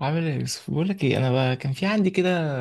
عامل ايه يا يوسف؟ بقول لك ايه، انا بقى كان في عندي كده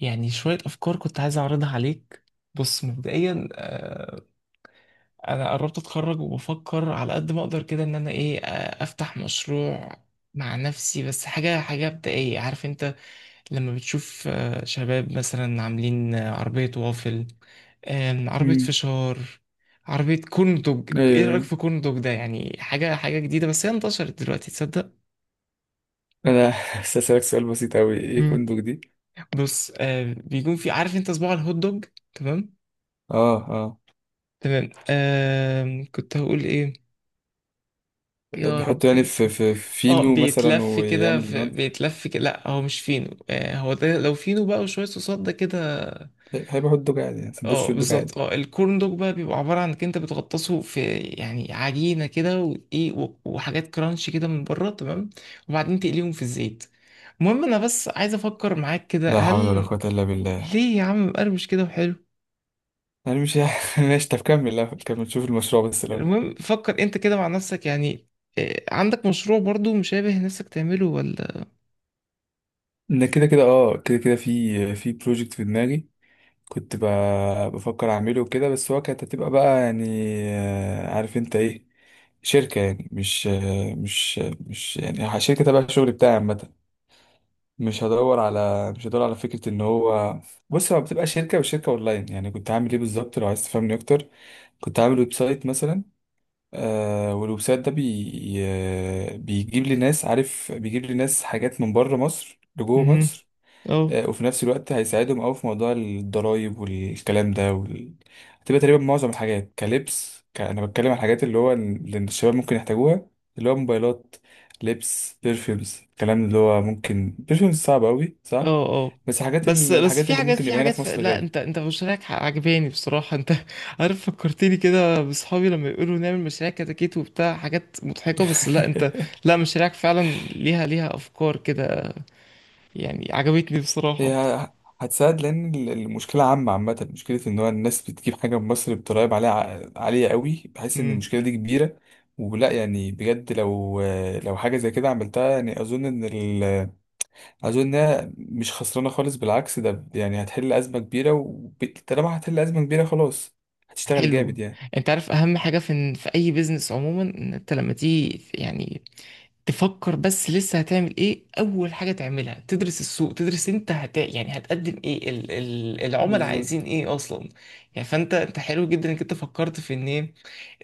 يعني شويه افكار كنت عايز اعرضها عليك. بص مبدئيا انا قربت اتخرج وبفكر على قد ما اقدر كده ان انا ايه، افتح مشروع مع نفسي. بس حاجه مبدئيه، عارف انت لما بتشوف شباب مثلا عاملين عربيه وافل، عربيه مم. فشار، عربيه كورن دوج. ايوه، ايه رايك ايوه. في كورن دوج ده؟ يعني حاجه جديده بس هي انتشرت دلوقتي، تصدق. انا هسألك سؤال بسيط اوي. ايه كندوك دي؟ بص، آه، بيكون في، عارف انت، صباع الهوت دوج. تمام. اه، تمام، آه، كنت هقول ايه؟ اه، يا بيحط رب يعني في نسيت. في اه، فينو مثلا بيتلف كده، ويعمل في المن... بيتلف كده لا هو مش فينو، آه، هو ده لو فينو بقى وشويه صوصات ده كده. هيبقى حط دوج عادي، يعني اه سندوتش دوج بالظبط، عادي. اه، الكورن دوج بقى بيبقى عباره عن انك انت بتغطسه في يعني عجينه كده، وايه وحاجات كرانش كده من بره، تمام، وبعدين تقليهم في الزيت. المهم، انا بس عايز افكر معاك كده، لا حول ولا هل قوة إلا بالله. ليه يا عم مقرمش كده وحلو. أنا مش ماشي. طب كمل الأول، كمل، شوف المشروع بس الأول. المهم، فكر انت كده مع نفسك يعني، إيه، عندك مشروع برضو مشابه نفسك تعمله ولا؟ إن كده كده، كده كده، في بروجكت في دماغي. كنت ب... بفكر أعمله وكده، بس هو كانت هتبقى بقى يعني عارف أنت إيه، شركة. يعني مش يعني شركة تبع الشغل بتاعي عامة. مش هدور على فكره ان هو، بص هو بتبقى شركه وشركه اونلاين. يعني كنت هعمل ايه بالظبط لو عايز تفهمني اكتر؟ كنت عامل ويب سايت مثلا. آه، والويب سايت ده بي... آه، بيجيب لي ناس، عارف، بيجيب لي ناس حاجات من بره مصر لجوه امم. مصر. اه. وفي نفس الوقت هيساعدهم أوي في موضوع الضرايب والكلام ده هتبقى تقريبا معظم الحاجات كلبس أنا بتكلم عن الحاجات اللي هو اللي الشباب ممكن يحتاجوها. اللي هو موبايلات، لبس، بيرفيومز، الكلام اللي هو ممكن بيرفيومز صعب أوي صح. اه. اه. بس حاجات بس بس الحاجات في اللي حاجات ممكن في يبقى هنا حاجات في مصر لا، غالي. انت مشاريعك عجباني بصراحة، انت عارف فكرتني كده بصحابي لما يقولوا نعمل مشاريع كتاكيت وبتاع، حاجات مضحكة، بس لا انت، لا، مشاريعك فعلا ليها افكار كده، يعني عجبتني بصراحة. هي هتساعد لان المشكله عامه عامه، مشكله ان هو الناس بتجيب حاجه من مصر بضرايب عليها عاليه قوي. بحس ان امم. المشكله دي كبيره، ولا يعني بجد. لو حاجه زي كده عملتها، يعني اظن ان اظن انها مش خسرانه خالص، بالعكس ده يعني هتحل ازمه كبيره، وطالما هتحل ازمه كبيره خلاص هتشتغل جامد حلو. يعني. انت عارف اهم حاجة في اي بيزنس عموما، ان انت لما تيجي يعني تفكر بس لسه هتعمل ايه، اول حاجه تعملها تدرس السوق، تدرس انت هت، يعني هتقدم ايه، العملاء عايزين بالظبط. ايه اصلا. يعني فانت انت حلو جدا انك انت فكرت في ان ايه،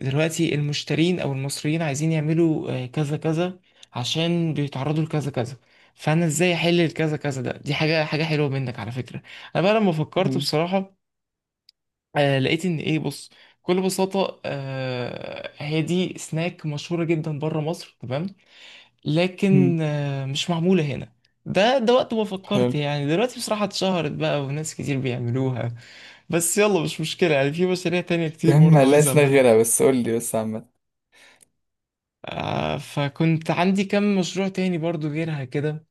دلوقتي المشترين او المصريين عايزين يعملوا كذا كذا عشان بيتعرضوا لكذا كذا، فانا ازاي احل الكذا كذا ده. دي حاجه حلوه منك على فكره. انا بقى لما فكرت مم. بصراحه، لقيت ان ايه، بص، بكل بساطه، هي دي سناك مشهوره جدا بره مصر تمام، لكن مم. مش معمولة هنا. ده وقت ما فكرت حلو. يعني، دلوقتي بصراحة اتشهرت بقى وناس كتير بيعملوها. بس يلا مش مشكلة، يعني في مشاريع تانية يا كتير عم برضه لا، عايز اسنان أعملها. غيرها، بس قول لي بس عامه. آه، فكنت عندي كم مشروع تاني برضه غيرها كده.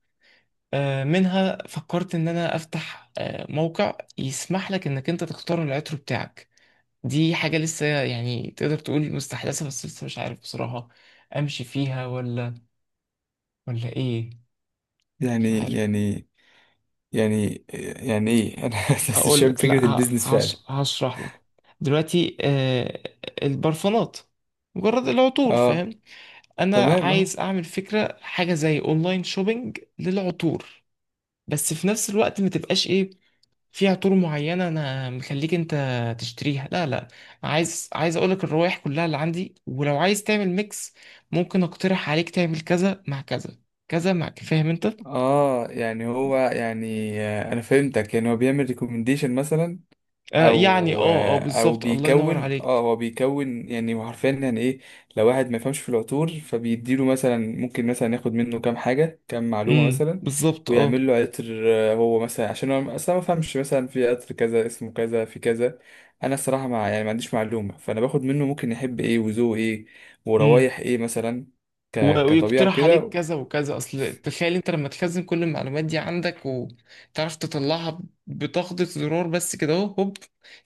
آه، منها فكرت إن أنا أفتح آه موقع يسمح لك إنك أنت تختار العطر بتاعك. دي حاجة لسه يعني تقدر تقول مستحدثة، بس لسه مش عارف بصراحة أمشي فيها ولا ولا إيه. مش يعني، عارف. يعني، يعني، يعني ايه؟ انا بس هقول شايف لك، فكرة لا البيزنس فعلا. هشرح لك. دلوقتي، آه، البرفانات، مجرد العطور، اه، فاهم. انا تمام، اه، عايز اعمل فكره حاجه زي اونلاين شوبينج للعطور، بس في نفس الوقت ما تبقاش ايه، في عطور معينه انا مخليك انت تشتريها، لا لا، عايز اقول لك الروائح كلها اللي عندي، ولو عايز تعمل ميكس ممكن اقترح عليك تعمل كذا مع كذا، كذا مع، فاهم انت. اه، يعني هو يعني انا فهمتك. يعني هو بيعمل ريكومنديشن مثلا. آه يعني، او اه اه او بالظبط، الله ينور بيكون، اه، عليك. هو بيكون، يعني هو حرفيا يعني ايه؟ لو واحد ما يفهمش في العطور فبيديله مثلا، ممكن مثلا ياخد منه كام حاجه، كام معلومه مثلا، بالظبط اه. ويعمل له عطر. هو مثلا عشان هو اصلا ما فهمش، مثلا في عطر كذا اسمه كذا في كذا. انا الصراحه مع، يعني، ما عنديش معلومه، فانا باخد منه ممكن يحب ايه وذوقه ايه امم. وروايح ايه مثلا، كطبيعه ويقترح عليك وكده. كذا وكذا. اصل تخيل انت لما تخزن كل المعلومات دي عندك وتعرف تطلعها بتخبطة زرار بس كده، اهو هوب،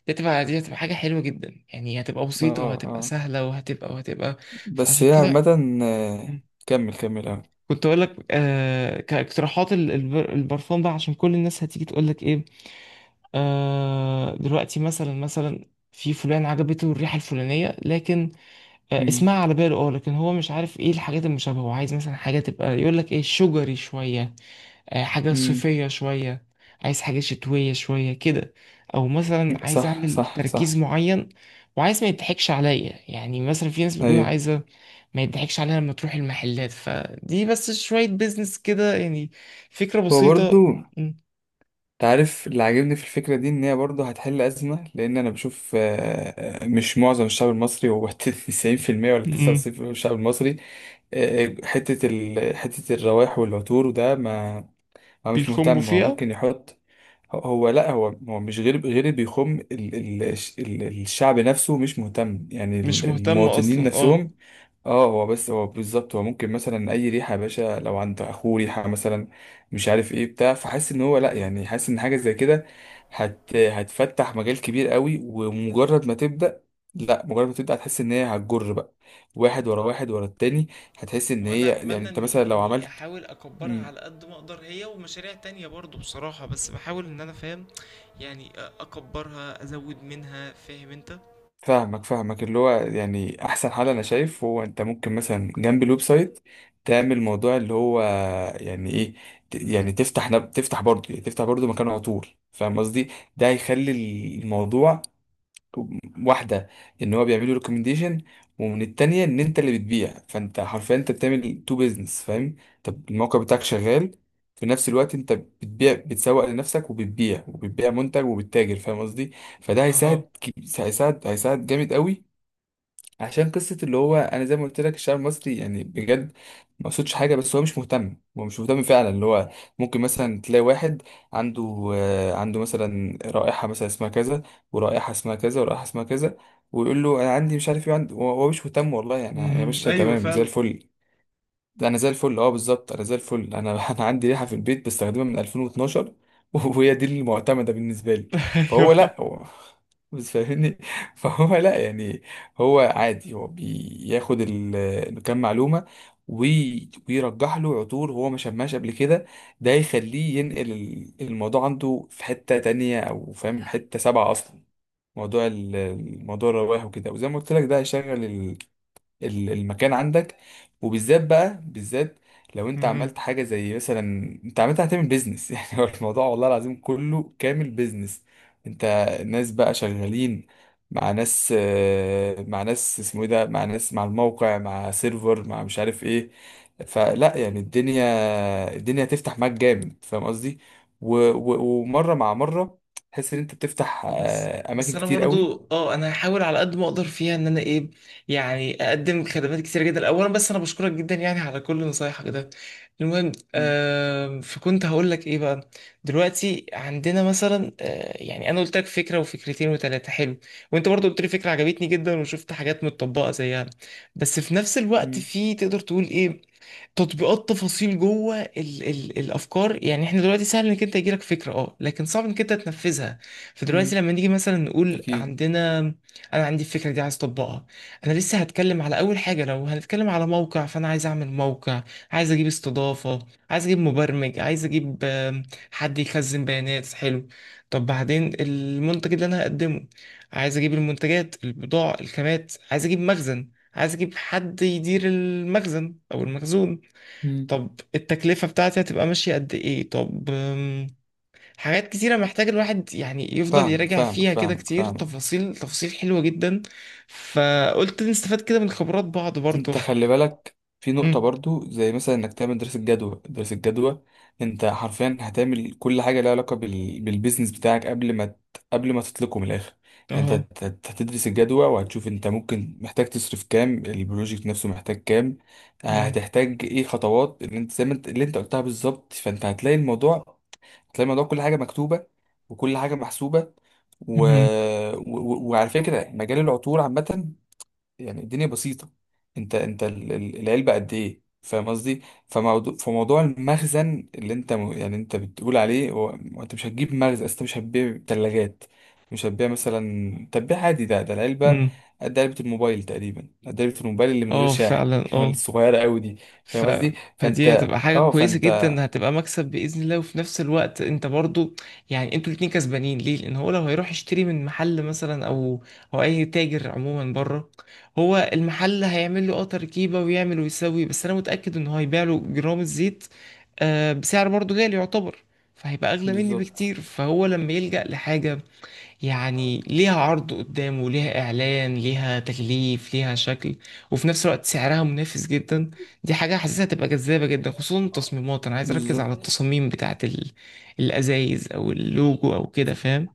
دي هتبقى حاجة حلوة جدا، يعني هتبقى اه، بسيطة وهتبقى اه، سهلة وهتبقى وهتبقى. بس فعشان هي عامه. كده آه، كمل، كمل، اه. كنت اقول لك، آه، كاقتراحات البرفان بقى، عشان كل الناس هتيجي تقول لك ايه، آه، دلوقتي مثلا، مثلا في فلان عجبته الريحة الفلانية، لكن مم. اسمها على باله، اه، لكن هو مش عارف ايه الحاجات المشابهة، هو عايز مثلا حاجة تبقى، يقول لك ايه، شجري شوية، حاجة مم. صيفية شوية، عايز حاجة شتوية شوية كده، او مثلا عايز صح، اعمل صح، تركيز صح. معين، وعايز ما يضحكش عليا. يعني مثلا في ناس بتكون ايوه، عايزة ما يضحكش عليها لما تروح المحلات، فدي بس شوية بيزنس كده يعني، فكرة هو برضو. بسيطة. م- انت عارف اللي عاجبني في الفكرة دي ان هي برضو هتحل أزمة، لان انا بشوف مش معظم الشعب المصري هو 90% ولا م- 99% من الشعب المصري. حتة الروائح والعطور وده ما، هو مش بيخموا مهتم، هو فيها. ممكن يحط. هو لا، هو مش غير اللي بيخم ال ال ال الشعب نفسه مش مهتم، يعني مش مهتم المواطنين اصلا، اه. نفسهم. اه، هو بس هو بالظبط، هو ممكن مثلا اي ريحه يا باشا. لو عند اخوه ريحه مثلا مش عارف ايه بتاع، فحاسس ان هو لا، مهم. يعني حاسس ان حاجه زي كده هتفتح مجال كبير قوي. ومجرد ما تبدا، لا، مجرد ما تبدا هتحس ان هي هتجر بقى، واحد ورا واحد ورا التاني. هتحس ان هي، وانا يعني اتمنى انت مثلا اني لو اني عملت. احاول اكبرها على قد ما اقدر، هي ومشاريع تانية برضو بصراحة، بس بحاول ان انا فاهم يعني، اكبرها، ازود منها، فاهم انت. فاهمك، فاهمك. اللي هو يعني احسن حل انا شايف، هو انت ممكن مثلا جنب الويب سايت تعمل موضوع اللي هو يعني ايه؟ يعني تفتح نب... تفتح برضه يعني تفتح برضه مكان عطور، فاهم قصدي؟ ده هيخلي الموضوع واحده ان هو بيعملوا ريكومنديشن، ومن التانية ان انت اللي بتبيع، فانت حرفيا انت بتعمل تو بيزنس، فاهم؟ طب الموقع بتاعك شغال في نفس الوقت، انت بتبيع، بتسوق لنفسك وبتبيع منتج وبتتاجر، فاهم قصدي؟ فده اها. هيساعد كي- هيساعد هيساعد جامد قوي، عشان قصة اللي هو أنا زي ما قلت لك الشعب المصري يعني بجد ما قصدش حاجة، بس هو مش مهتم، هو مش مهتم فعلا. اللي هو ممكن مثلا تلاقي واحد عنده مثلا رائحة مثلا اسمها كذا، ورائحة اسمها كذا، ورائحة اسمها كذا، ويقول له أنا عندي مش عارف إيه عندي. هو مش مهتم والله، يعني يا مهم. باشا ايوه تمام فعلا. زي الفل. ده انا زي الفل، اه، بالظبط، انا زي الفل. انا انا عندي ريحه في البيت بستخدمها من 2012. وهي دي المعتمده بالنسبه لي. فهو ايوه. لا، هو بس فاهمني. فهو لا يعني، هو عادي، هو بياخد كام معلومه، ويرجح له عطور هو ما شماش قبل كده. ده يخليه ينقل الموضوع عنده في حته تانية، او فاهم، حته سبعه اصلا، موضوع الموضوع الرواه وكده. وزي ما قلت لك ده هيشغل المكان عندك، وبالذات بقى بالذات لو انت مهم. عملت حاجه زي مثلا، انت عملت هتعمل بيزنس. يعني هو الموضوع والله العظيم كله كامل بيزنس. انت ناس بقى شغالين مع ناس، مع ناس اسمه ايه ده، مع ناس، مع الموقع، مع سيرفر، مع مش عارف ايه. فلا يعني، الدنيا هتفتح معاك جامد، فاهم قصدي؟ ومره مع مره تحس ان انت بتفتح بس بس اماكن انا كتير قوي. برضو، اه، انا هحاول على قد ما اقدر فيها ان انا ايه، يعني اقدم خدمات كتير جدا اولا. بس انا بشكرك جدا يعني على كل نصايحك ده. المهم، مم. آه، فكنت هقول لك ايه بقى. دلوقتي عندنا مثلا، آه، يعني انا قلت لك فكره وفكرتين وثلاثه، حلو، وانت برضو قلت لي فكره عجبتني جدا، وشفت حاجات متطبقه زيها. بس في نفس الوقت مم. في، تقدر تقول ايه، تطبيقات تفاصيل جوه ال ال الافكار. يعني احنا دلوقتي سهل انك انت يجيلك فكره، اه، لكن صعب انك انت تنفذها. فدلوقتي مم. لما نيجي مثلا نقول اكيد. عندنا، انا عندي الفكره دي عايز اطبقها. انا لسه هتكلم على اول حاجه، لو هنتكلم على موقع، فانا عايز اعمل موقع، عايز اجيب استضافه، عايز اجيب مبرمج، عايز اجيب حد يخزن بيانات. حلو، طب بعدين المنتج اللي انا هقدمه، عايز اجيب المنتجات، البضاعه، الخامات، عايز اجيب مخزن، عايز اجيب حد يدير المخزن او المخزون. طب التكلفة بتاعتي هتبقى ماشية قد ايه؟ طب حاجات كتيرة محتاج الواحد يعني يفضل فاهمك، يراجع فاهمك، فيها كده فاهمك، كتير، فاهمك. تفاصيل تفاصيل حلوة جدا. فقلت نستفاد كده من خبرات بعض برضو. انت خلي بالك في نقطة أمم. برضو، زي مثلا انك تعمل دراسة جدوى، دراسة جدوى. انت حرفيا هتعمل كل حاجة لها علاقة بالبيزنس بتاعك قبل ما قبل ما تطلقه من الاخر. يعني انت اهو. هتدرس الجدوى، وهتشوف انت ممكن محتاج تصرف كام، البروجكت نفسه محتاج كام. أمم. هتحتاج ايه خطوات، اللي انت زي ما انت اللي انت قلتها بالظبط. فانت هتلاقي الموضوع كل حاجة مكتوبة، وكل حاجة محسوبة. و... أمم. وعلى فكرة مجال العطور عامة، يعني الدنيا بسيطة. انت العلبة قد ايه، فاهم قصدي؟ فموضوع المخزن، اللي انت يعني انت بتقول عليه، هو انت مش هتجيب مخزن، أصل انت مش هتبيع تلاجات. مش هتبيع، مثلا تبيع عادي. ده العلبة أمم. قد علبة الموبايل تقريبا، قد علبة الموبايل اللي من غير اه شاحن فعلا، اللي هو اه. الصغيرة قوي دي. ف... فاهم قصدي؟ فدي فانت هتبقى حاجة اه كويسة فانت جدا، هتبقى مكسب بإذن الله. وفي نفس الوقت انت برضو، يعني انتوا الاتنين كسبانين، ليه؟ لأن هو لو هيروح يشتري من محل مثلا أو أو أي تاجر عموما بره، هو المحل هيعمل له اه تركيبة ويعمل ويسوي، بس أنا متأكد إن هو هيبيع له جرام الزيت، آه، بسعر برضو غالي يعتبر، فهيبقى أغلى مني بالظبط، بكتير. فهو لما يلجأ لحاجة يعني ليها عرض قدام وليها إعلان ليها تكليف ليها شكل، وفي نفس الوقت سعرها منافس جدا، دي حاجة حاسسها تبقى جذابة جدا، خصوصا التصميمات. أنا عايز أركز على بالظبط. التصاميم بتاعة الأزايز أو اللوجو أو كده، فاهم.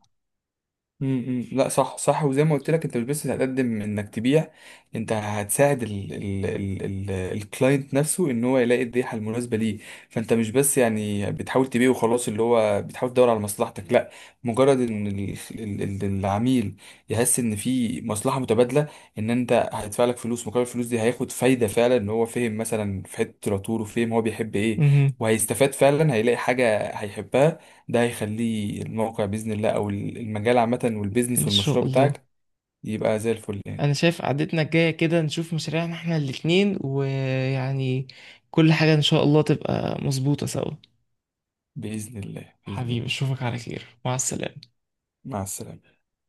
لا، صح، صح. وزي ما قلت لك انت مش بس هتقدم انك تبيع، انت هتساعد ال ال ال ال الكلاينت نفسه ان هو يلاقي الريحه المناسبه ليه. فانت مش بس يعني بتحاول تبيع وخلاص، اللي هو بتحاول تدور على مصلحتك. لا، مجرد ان ال ال ال العميل يحس ان في مصلحه متبادله، ان انت هيدفع لك فلوس، مقابل الفلوس دي هياخد فايده فعلا. ان هو فهم مثلا في حته العطور وفهم هو بيحب ايه، مهم. وهيستفاد فعلا، هيلاقي حاجه هيحبها. ده هيخليه الموقع بإذن الله أو المجال عامة إن والبيزنس شاء والمشروع الله. بتاعك يبقى زي الفل يعني. أنا شايف قعدتنا الجاية كده نشوف مشاريعنا إحنا الاتنين، ويعني كل حاجة إن شاء الله تبقى مظبوطة سوا. بإذن الله، بإذن حبيبي الله. أشوفك على خير، مع السلامة. مع السلامة.